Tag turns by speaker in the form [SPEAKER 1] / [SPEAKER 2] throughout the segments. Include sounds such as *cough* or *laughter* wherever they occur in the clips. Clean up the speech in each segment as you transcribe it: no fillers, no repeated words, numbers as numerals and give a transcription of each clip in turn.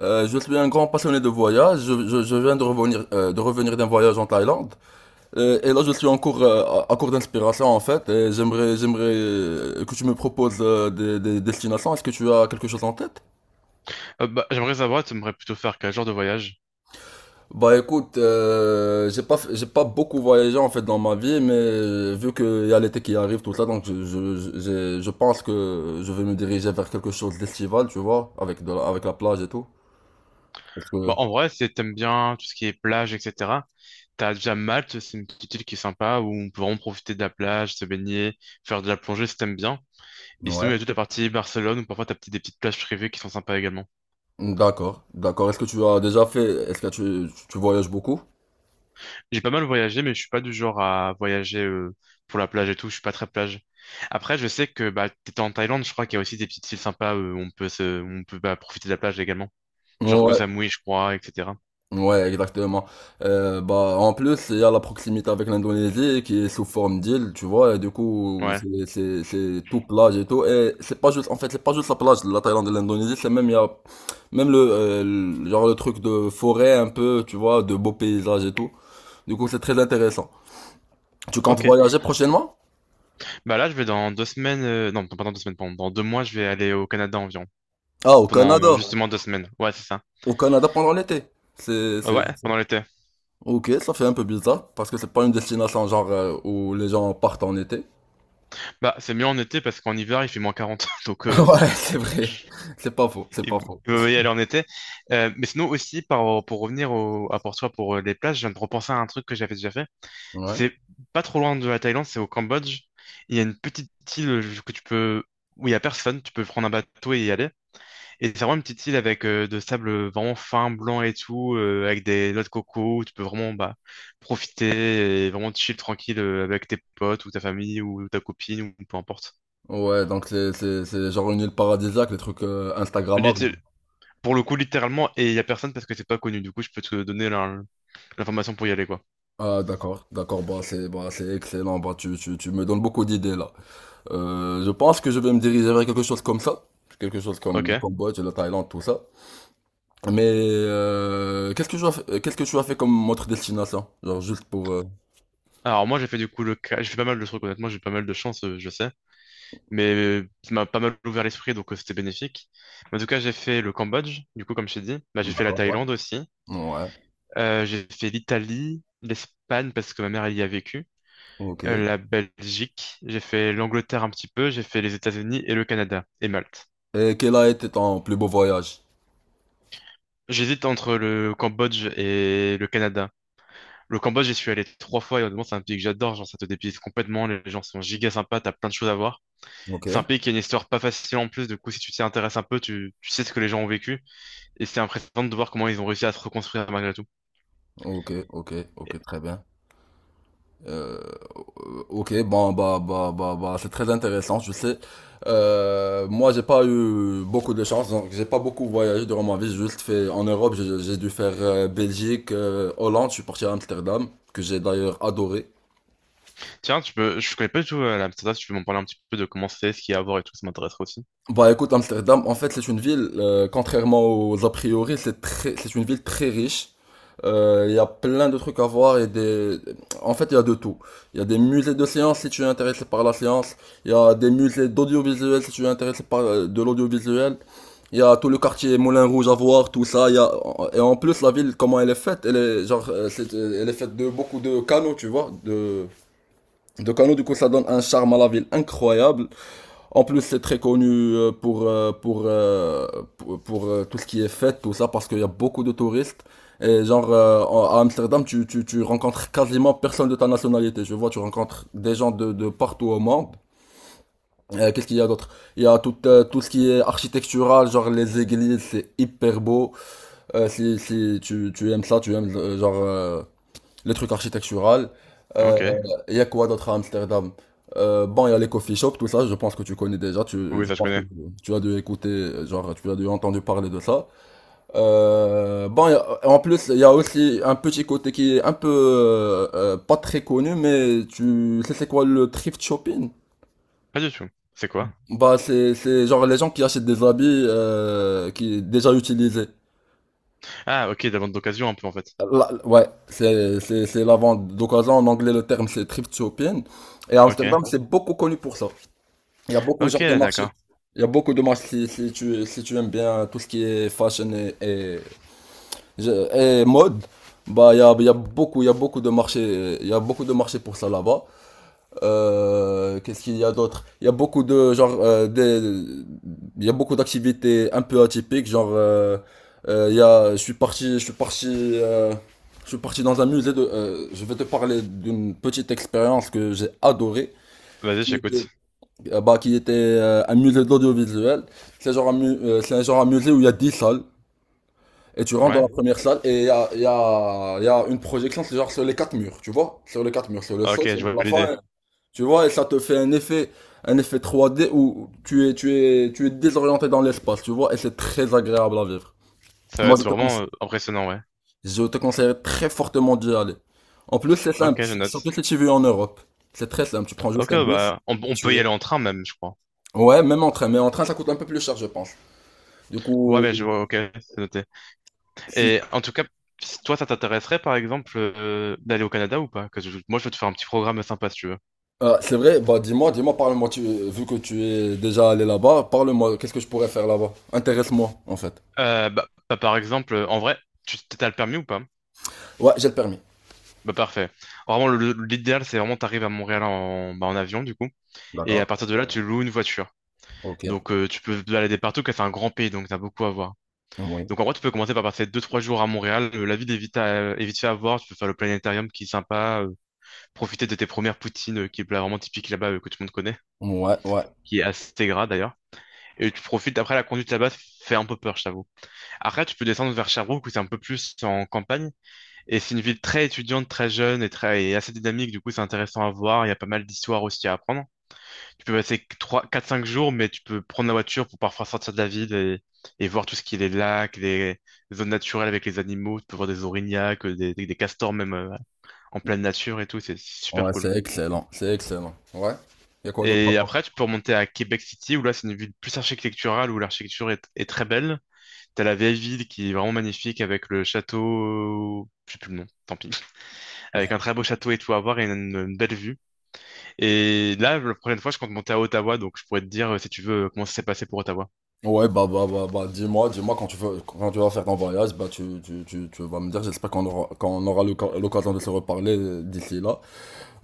[SPEAKER 1] Je suis un grand passionné de voyage. Je viens de revenir d'un voyage en Thaïlande. Et là, je suis en cours, à court d'inspiration en fait. Et j'aimerais que tu me proposes des destinations. Est-ce que tu as quelque chose en tête?
[SPEAKER 2] Bah, j'aimerais savoir, tu aimerais plutôt faire quel genre de voyage?
[SPEAKER 1] Bah écoute, j'ai pas beaucoup voyagé en fait dans ma vie, mais vu qu'il y a l'été qui arrive, tout ça, donc je pense que je vais me diriger vers quelque chose d'estival, tu vois, avec la plage et tout. Parce
[SPEAKER 2] Bah,
[SPEAKER 1] que...
[SPEAKER 2] en vrai, si t'aimes bien tout ce qui est plage, etc., t'as déjà Malte, c'est une petite île qui est sympa où on peut vraiment profiter de la plage, se baigner, faire de la plongée si t'aimes bien. Et sinon, il
[SPEAKER 1] Ouais.
[SPEAKER 2] y a toute la partie Barcelone où parfois t'as des petites plages privées qui sont sympas également.
[SPEAKER 1] D'accord, d'accord. Est-ce que tu voyages beaucoup?
[SPEAKER 2] J'ai pas mal voyagé, mais je suis pas du genre à voyager pour la plage et tout, je suis pas très plage. Après, je sais que bah, t'étais en Thaïlande, je crois qu'il y a aussi des petites îles sympas où on peut bah, profiter de la plage également. Genre Koh
[SPEAKER 1] Ouais,
[SPEAKER 2] Samui, je crois, etc.
[SPEAKER 1] ouais, exactement. Bah, en plus, il y a la proximité avec l'Indonésie qui est sous forme d'île, tu vois, et du coup,
[SPEAKER 2] Ouais,
[SPEAKER 1] c'est tout plage et tout. Et c'est pas juste, en fait, c'est pas juste la plage de la Thaïlande et l'Indonésie, c'est même, il y a même genre le truc de forêt un peu, tu vois, de beaux paysages et tout. Du coup, c'est très intéressant. Tu comptes
[SPEAKER 2] ok.
[SPEAKER 1] voyager prochainement?
[SPEAKER 2] Bah là, je vais dans 2 semaines, non, pas dans 2 semaines, pardon, dans 2 mois, je vais aller au Canada environ.
[SPEAKER 1] Ah, au
[SPEAKER 2] Pendant
[SPEAKER 1] Canada.
[SPEAKER 2] justement 2 semaines. Ouais, c'est ça.
[SPEAKER 1] Au Canada pendant l'été. C'est...
[SPEAKER 2] Ouais, pendant l'été.
[SPEAKER 1] Ok, ça fait un peu bizarre parce que c'est pas une destination genre où les gens partent en été.
[SPEAKER 2] Bah, c'est mieux en été parce qu'en hiver, il fait -40. *laughs* Donc,
[SPEAKER 1] *laughs* Ouais, c'est vrai. C'est pas faux, c'est pas
[SPEAKER 2] il
[SPEAKER 1] faux.
[SPEAKER 2] il vaut mieux y aller en été. Mais sinon, aussi, pour revenir à Porto pour les plages, je viens de repenser à un truc que j'avais déjà fait.
[SPEAKER 1] Ouais.
[SPEAKER 2] C'est pas trop loin de la Thaïlande, c'est au Cambodge. Il y a une petite île où il y a personne. Tu peux prendre un bateau et y aller. Et c'est vraiment une petite île avec de sable vraiment fin, blanc et tout, avec des noix de coco, où tu peux vraiment bah, profiter et vraiment chill tranquille avec tes potes ou ta famille ou ta copine ou peu importe.
[SPEAKER 1] Ouais, donc c'est genre une île paradisiaque, les trucs Instagrammables.
[SPEAKER 2] Litté- Pour le coup, littéralement, et il y a personne parce que c'est pas connu. Du coup, je peux te donner l'information pour y aller, quoi.
[SPEAKER 1] Ah d'accord, d'accord, bah c'est excellent, bah tu me donnes beaucoup d'idées là. Je pense que je vais me diriger vers quelque chose comme ça, quelque chose comme le
[SPEAKER 2] Ok.
[SPEAKER 1] Cambodge, la Thaïlande, tout ça. Mais qu'est-ce que tu as fait, qu'est-ce que tu as fait comme autre destination? Genre juste pour...
[SPEAKER 2] Alors moi, j'ai fait du coup j'ai fait pas mal de trucs. Honnêtement, j'ai eu pas mal de chance, je sais, mais ça m'a pas mal ouvert l'esprit, donc c'était bénéfique. En tout cas, j'ai fait le Cambodge. Du coup, comme je t'ai dit, bah, j'ai fait la
[SPEAKER 1] D'accord, ouais.
[SPEAKER 2] Thaïlande aussi.
[SPEAKER 1] Ouais,
[SPEAKER 2] J'ai fait l'Italie, l'Espagne parce que ma mère elle y a vécu,
[SPEAKER 1] ok.
[SPEAKER 2] la Belgique, j'ai fait l'Angleterre un petit peu, j'ai fait les États-Unis et le Canada et Malte.
[SPEAKER 1] Et quel a été ton plus beau voyage?
[SPEAKER 2] J'hésite entre le Cambodge et le Canada. Le Cambodge, j'y suis allé 3 fois et honnêtement, c'est un pays que j'adore. Genre, ça te dépayse complètement. Les gens sont giga sympas, t'as plein de choses à voir.
[SPEAKER 1] Ok,
[SPEAKER 2] C'est un pays qui a une histoire pas facile en plus. Du coup, si tu t'y intéresses un peu, tu sais ce que les gens ont vécu. Et c'est impressionnant de voir comment ils ont réussi à se reconstruire malgré tout.
[SPEAKER 1] ok,
[SPEAKER 2] Et-
[SPEAKER 1] ok, très bien. Ok, bon, bah, c'est très intéressant, je sais. Moi, j'ai pas eu beaucoup de chance, donc j'ai pas beaucoup voyagé durant ma vie. J'ai juste fait en Europe, j'ai dû faire Belgique, Hollande, je suis parti à Amsterdam, que j'ai d'ailleurs adoré.
[SPEAKER 2] Tiens, je connais pas du tout l'Amsterdam, si tu peux m'en parler un petit peu de comment c'est, ce qu'il y a à voir et tout, ça m'intéresserait aussi.
[SPEAKER 1] Bah écoute, Amsterdam, en fait, c'est une ville, contrairement aux a priori, c'est une ville très riche. Il y a plein de trucs à voir et des... En fait, il y a de tout. Il y a des musées de sciences si tu es intéressé par la science. Il y a des musées d'audiovisuel si tu es intéressé par de l'audiovisuel. Il y a tout le quartier Moulin Rouge à voir, tout ça. Il y a... Et en plus, la ville, comment elle est faite? Elle est, genre, elle est faite de beaucoup de canaux, tu vois. De canaux, du coup, ça donne un charme à la ville incroyable. En plus, c'est très connu euh, pour, euh, pour, euh, tout ce qui est fête, tout ça, parce qu'il y a beaucoup de touristes. Et genre, à Amsterdam, tu rencontres quasiment personne de ta nationalité. Je vois, tu rencontres des gens de partout au monde. Qu'est-ce qu'il y a d'autre? Il y a tout, tout ce qui est architectural, genre les églises, c'est hyper beau. Si si tu, tu aimes ça, tu aimes les trucs architecturaux. Euh,
[SPEAKER 2] Ok.
[SPEAKER 1] Il y a quoi d'autre à Amsterdam? Bon, il y a les coffee shops, tout ça, je pense que tu connais déjà,
[SPEAKER 2] Oui,
[SPEAKER 1] je
[SPEAKER 2] ça je
[SPEAKER 1] pense que
[SPEAKER 2] connais.
[SPEAKER 1] tu as dû écouter, genre, tu as dû entendre parler de ça. En plus, il y a aussi un petit côté qui est un peu, pas très connu, mais tu sais c'est quoi le thrift shopping?
[SPEAKER 2] Pas du tout. C'est quoi?
[SPEAKER 1] Bah, c'est genre les gens qui achètent des habits, qui déjà utilisés.
[SPEAKER 2] Ah, ok, de la vente d'occasion un peu en fait.
[SPEAKER 1] Ouais, c'est la vente d'occasion. En anglais, le terme c'est thrift shopping. Et Amsterdam,
[SPEAKER 2] Ok.
[SPEAKER 1] c'est beaucoup connu pour ça. Il y a beaucoup
[SPEAKER 2] Ok,
[SPEAKER 1] genre de marchés.
[SPEAKER 2] d'accord.
[SPEAKER 1] Il y a beaucoup de marchés si tu aimes bien tout ce qui est fashion et mode. Bah, il y a beaucoup de marchés, il y a beaucoup de marchés pour ça là-bas. Qu'est-ce qu'il y a d'autre? Il y a beaucoup de genre il y a beaucoup d'activités un peu atypiques, genre il y a je suis parti je suis parti euh, je suis parti dans un musée de je vais te parler d'une petite expérience que j'ai adorée
[SPEAKER 2] Vas-y,
[SPEAKER 1] qui était
[SPEAKER 2] j'écoute.
[SPEAKER 1] qui était un musée de l'audiovisuel. C'est un genre un musée où il y a 10 salles et tu rentres dans
[SPEAKER 2] Ouais.
[SPEAKER 1] la première salle et il y a une projection c'est genre sur les quatre murs, tu vois? Sur les quatre murs, sur le
[SPEAKER 2] Ok,
[SPEAKER 1] sol, sur
[SPEAKER 2] je
[SPEAKER 1] le
[SPEAKER 2] vois
[SPEAKER 1] plafond.
[SPEAKER 2] l'idée.
[SPEAKER 1] Tu vois, et ça te fait un effet 3D où tu es désorienté dans l'espace, tu vois, et c'est très agréable à vivre.
[SPEAKER 2] Ça va
[SPEAKER 1] Moi,
[SPEAKER 2] être vraiment impressionnant, ouais.
[SPEAKER 1] je te conseille très fortement d'y aller. En plus, c'est
[SPEAKER 2] Ok,
[SPEAKER 1] simple,
[SPEAKER 2] je note.
[SPEAKER 1] surtout si tu vis en Europe. C'est très simple, tu prends
[SPEAKER 2] Ok,
[SPEAKER 1] juste un bus,
[SPEAKER 2] bah, on peut
[SPEAKER 1] tu
[SPEAKER 2] y
[SPEAKER 1] es.
[SPEAKER 2] aller en train même, je crois.
[SPEAKER 1] Ouais, même en train, mais en train, ça coûte un peu plus cher, je pense. Du
[SPEAKER 2] Ouais,
[SPEAKER 1] coup,
[SPEAKER 2] mais je vois, ok, c'est noté.
[SPEAKER 1] si-
[SPEAKER 2] Et en tout cas, si toi, ça t'intéresserait, par exemple, d'aller au Canada ou pas? Parce que moi, je veux te faire un petit programme sympa, si tu veux.
[SPEAKER 1] Ah, c'est vrai, bah dis-moi, parle-moi, vu que tu es déjà allé là-bas, parle-moi, qu'est-ce que je pourrais faire là-bas? Intéresse-moi, en fait.
[SPEAKER 2] Bah, bah, par exemple, en vrai, tu t'as le permis ou pas?
[SPEAKER 1] Ouais, j'ai le permis.
[SPEAKER 2] Bah, parfait. Vraiment, l'idéal, c'est vraiment t'arrives à Montréal en avion, du coup. Et
[SPEAKER 1] D'accord.
[SPEAKER 2] à partir de là, ouais, tu, ouais, loues une voiture.
[SPEAKER 1] Ok.
[SPEAKER 2] Donc, tu peux te balader partout, car c'est un grand pays, donc t'as beaucoup à voir.
[SPEAKER 1] Oui.
[SPEAKER 2] Donc, en vrai, tu peux commencer par passer 2, 3 jours à Montréal. La ville est vite fait à voir. Tu peux faire le planétarium qui est sympa, profiter de tes premières poutines, qui est là, vraiment typique là-bas, que tout le monde connaît,
[SPEAKER 1] Ouais, ouais.
[SPEAKER 2] qui est assez gras, d'ailleurs. Après, la conduite là-bas fait un peu peur, je t'avoue. Après, tu peux descendre vers Sherbrooke, où c'est un peu plus en campagne. Et c'est une ville très étudiante, très jeune et et assez dynamique. Du coup, c'est intéressant à voir. Il y a pas mal d'histoires aussi à apprendre. Tu peux passer 3, 4, 5 jours, mais tu peux prendre la voiture pour parfois sortir de la ville et voir tout ce qui est les lacs, les zones naturelles avec les animaux. Tu peux voir des orignacs, des castors même en pleine nature et tout. C'est
[SPEAKER 1] Ouais,
[SPEAKER 2] super cool.
[SPEAKER 1] c'est excellent, c'est excellent. Ouais. Il y a quoi d'autre à
[SPEAKER 2] Et
[SPEAKER 1] voir?
[SPEAKER 2] après, tu peux remonter à Québec City, où là, c'est une ville plus architecturale, où l'architecture est très belle. T'as la vieille ville qui est vraiment magnifique avec le château, je sais plus le nom, tant pis, avec un très beau château et tout à voir et une belle vue. Et là, la prochaine fois, je compte monter à Ottawa, donc je pourrais te dire, si tu veux, comment ça s'est passé pour Ottawa.
[SPEAKER 1] Ouais, bah, dis-moi, quand tu veux, quand tu vas faire ton voyage, bah, tu vas me dire, qu'on aura l'occasion de se reparler d'ici là.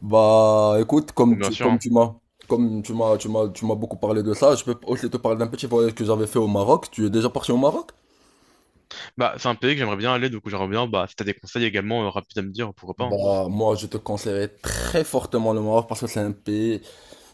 [SPEAKER 1] Bah, écoute,
[SPEAKER 2] Bon, bien sûr, hein.
[SPEAKER 1] comme tu m'as, tu m'as, tu m'as beaucoup parlé de ça, je peux aussi te parler d'un petit voyage que j'avais fait au Maroc. Tu es déjà parti au Maroc?
[SPEAKER 2] Bah, c'est un pays que j'aimerais bien aller, donc j'aimerais bien, bah, si t'as des conseils également rapides à me dire, pourquoi pas, hein.
[SPEAKER 1] Bah, moi, je te conseillerais très fortement le Maroc parce que c'est un pays.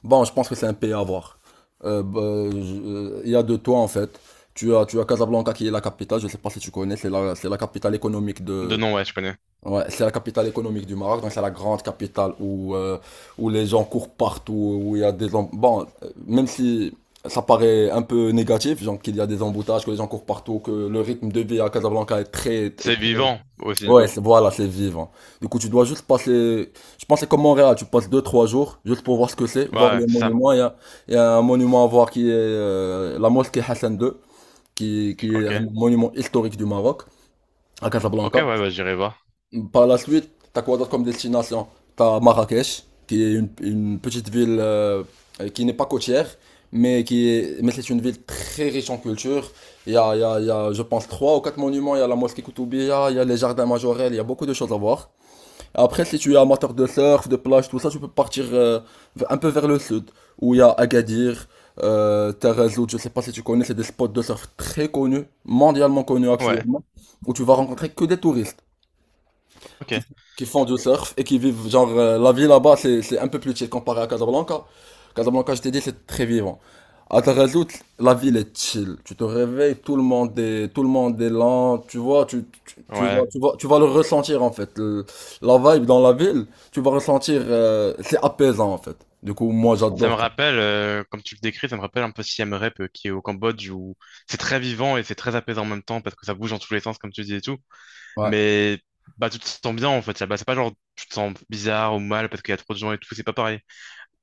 [SPEAKER 1] Bon, je pense que c'est un pays à voir. Euh, bah, il y a de toi en fait. Tu as Casablanca qui est la capitale, je ne sais pas si tu connais, c'est la capitale économique
[SPEAKER 2] De
[SPEAKER 1] de,
[SPEAKER 2] nom, ouais, je connais.
[SPEAKER 1] ouais, c'est la capitale économique du Maroc, donc c'est la grande capitale où, où les gens courent partout, où il y a des, bon, même si ça paraît un peu négatif, genre qu'il y a des emboutages, que les gens courent partout, que le rythme de vie à Casablanca est
[SPEAKER 2] C'est
[SPEAKER 1] très...
[SPEAKER 2] vivant aussi.
[SPEAKER 1] Ouais, c'est voilà, c'est vivant. Du coup, tu dois juste passer. Je pense que c'est comme Montréal, tu passes 2 3 jours juste pour voir ce que c'est, voir
[SPEAKER 2] Ouais,
[SPEAKER 1] les
[SPEAKER 2] c'est ça.
[SPEAKER 1] monuments. Il y a un monument à voir qui est la mosquée Hassan II, qui est
[SPEAKER 2] Ok.
[SPEAKER 1] un monument historique du Maroc, à
[SPEAKER 2] Ok,
[SPEAKER 1] Casablanca.
[SPEAKER 2] ouais, bah, j'irai voir.
[SPEAKER 1] Par la suite, t'as quoi d'autre comme destination? T'as Marrakech, qui est une petite ville qui n'est pas côtière, mais c'est une ville très riche en culture. Il y a, je pense, 3 ou 4 monuments. Il y a la mosquée Koutoubia, il y a les jardins majorels, il y a beaucoup de choses à voir. Après, si tu es amateur de surf, de plage, tout ça, tu peux partir un peu vers le sud, où il y a Agadir, Tarazout, je sais pas si tu connais, c'est des spots de surf très connus, mondialement connus
[SPEAKER 2] Ouais,
[SPEAKER 1] actuellement, où tu vas rencontrer que des touristes
[SPEAKER 2] ok.
[SPEAKER 1] qui, qui font du surf et qui vivent, genre, la vie là-bas, c'est un peu plus chill comparé à Casablanca. Casablanca, je t'ai dit, c'est très vivant. À Tarazout, la ville est chill. Tu te réveilles, tout le monde est lent, tu vois,
[SPEAKER 2] Ouais.
[SPEAKER 1] tu vas le ressentir, en fait. La vibe dans la ville, tu vas ressentir, c'est apaisant, en fait. Du coup, moi,
[SPEAKER 2] Ça me
[SPEAKER 1] j'adore ça.
[SPEAKER 2] rappelle, comme tu le décris, ça me rappelle un peu Siem Reap qui est au Cambodge où c'est très vivant et c'est très apaisant en même temps parce que ça bouge dans tous les sens, comme tu dis et tout. Mais bah, tu te sens bien en fait, là-bas. C'est pas genre tu te sens bizarre ou mal parce qu'il y a trop de gens et tout, c'est pas pareil.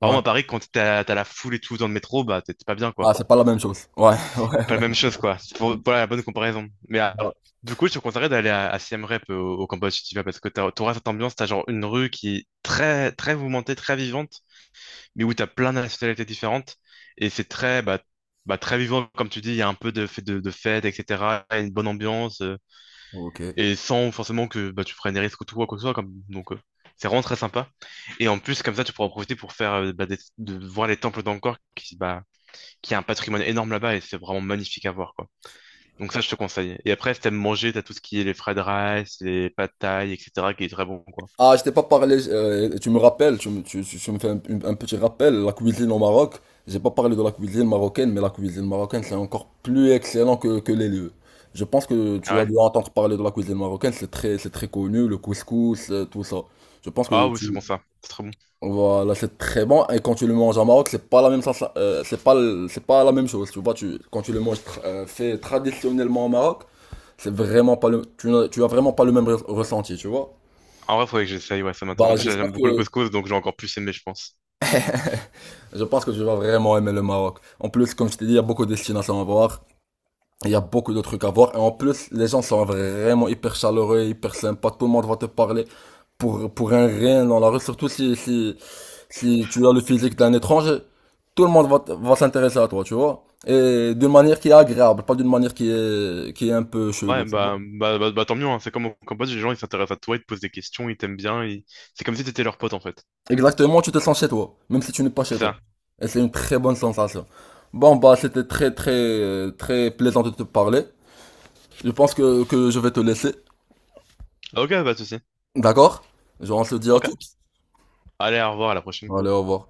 [SPEAKER 2] Par contre,
[SPEAKER 1] Ouais.
[SPEAKER 2] à Paris, quand t'as la foule et tout dans le métro, bah t'es pas bien
[SPEAKER 1] Ah,
[SPEAKER 2] quoi.
[SPEAKER 1] c'est pas la même chose. Ouais, *laughs* ouais,
[SPEAKER 2] Pas la
[SPEAKER 1] ouais.
[SPEAKER 2] même chose quoi. Voilà la bonne comparaison. Mais alors, du coup, je te conseillerais d'aller à Siem Reap au Cambodge si tu vas parce que t'auras cette ambiance, t'as genre une rue qui est très, très mouvementée, très vivante. Mais où tu as plein de nationalités différentes. Et c'est très vivant, comme tu dis, il y a un peu de fête, etc. et cetera. Il y a une bonne ambiance,
[SPEAKER 1] Ok.
[SPEAKER 2] et sans forcément que bah, tu prennes des risques ou tout, quoi que ce soit. Donc, c'est vraiment très sympa. Et en plus, comme ça, tu pourras en profiter pour de voir les temples d'Angkor, qui a un patrimoine énorme là-bas, et c'est vraiment magnifique à voir, quoi. Donc ça, je te conseille. Et après, si t'aimes manger, t'as tout ce qui est les fried rice, les pad thai, etc., qui est très bon, quoi.
[SPEAKER 1] Ah, je t'ai pas parlé, tu me rappelles, tu me fais un petit rappel, la cuisine au Maroc, j'ai pas parlé de la cuisine marocaine, mais la cuisine marocaine c'est encore plus excellent que les lieux. Je pense que
[SPEAKER 2] Ah
[SPEAKER 1] tu as
[SPEAKER 2] ouais?
[SPEAKER 1] dû entendre parler de la cuisine marocaine, c'est très connu, le couscous, tout ça. Je pense que
[SPEAKER 2] Ah oui,
[SPEAKER 1] tu,
[SPEAKER 2] c'est bon ça. C'est très bon.
[SPEAKER 1] voilà, c'est très bon, et quand tu le manges au Maroc, c'est pas, c'est pas la même chose, tu vois, tu, quand tu le manges fait traditionnellement au Maroc, c'est vraiment pas le, tu as vraiment pas le même ressenti, tu vois.
[SPEAKER 2] En vrai, faudrait que j'essaye, ouais, ça m'intéresse. En
[SPEAKER 1] Bah,
[SPEAKER 2] plus, j'aime
[SPEAKER 1] j'espère
[SPEAKER 2] beaucoup le
[SPEAKER 1] que...
[SPEAKER 2] couscous, donc j'ai encore plus aimé, je pense.
[SPEAKER 1] Je pense que tu vas vraiment aimer le Maroc. En plus, comme je t'ai dit, il y a beaucoup de destinations à voir. Il y a beaucoup de trucs à voir. Et en plus, les gens sont vraiment hyper chaleureux, hyper sympas. Tout le monde va te parler pour un rien dans la rue. Surtout si tu as le physique d'un étranger. Tout le monde va, va s'intéresser à toi, tu vois. Et d'une manière qui est agréable, pas d'une manière qui est un peu
[SPEAKER 2] Ouais,
[SPEAKER 1] chelou, tu vois.
[SPEAKER 2] bah, bah, bah, bah, tant mieux, hein. C'est comme au Cambodge, les gens, ils s'intéressent à toi, ils te posent des questions, ils t'aiment bien, c'est comme si t'étais leur pote, en fait.
[SPEAKER 1] Exactement, tu te sens chez toi, même si tu n'es pas chez
[SPEAKER 2] C'est
[SPEAKER 1] toi.
[SPEAKER 2] ça.
[SPEAKER 1] Et c'est une très bonne sensation. Bon, bah, très plaisant de te parler. Que je vais te laisser.
[SPEAKER 2] Ok, pas de souci.
[SPEAKER 1] D'accord? Genre, on se dit à
[SPEAKER 2] Ok.
[SPEAKER 1] toutes.
[SPEAKER 2] Allez, au revoir, à la prochaine.
[SPEAKER 1] Allez, au revoir.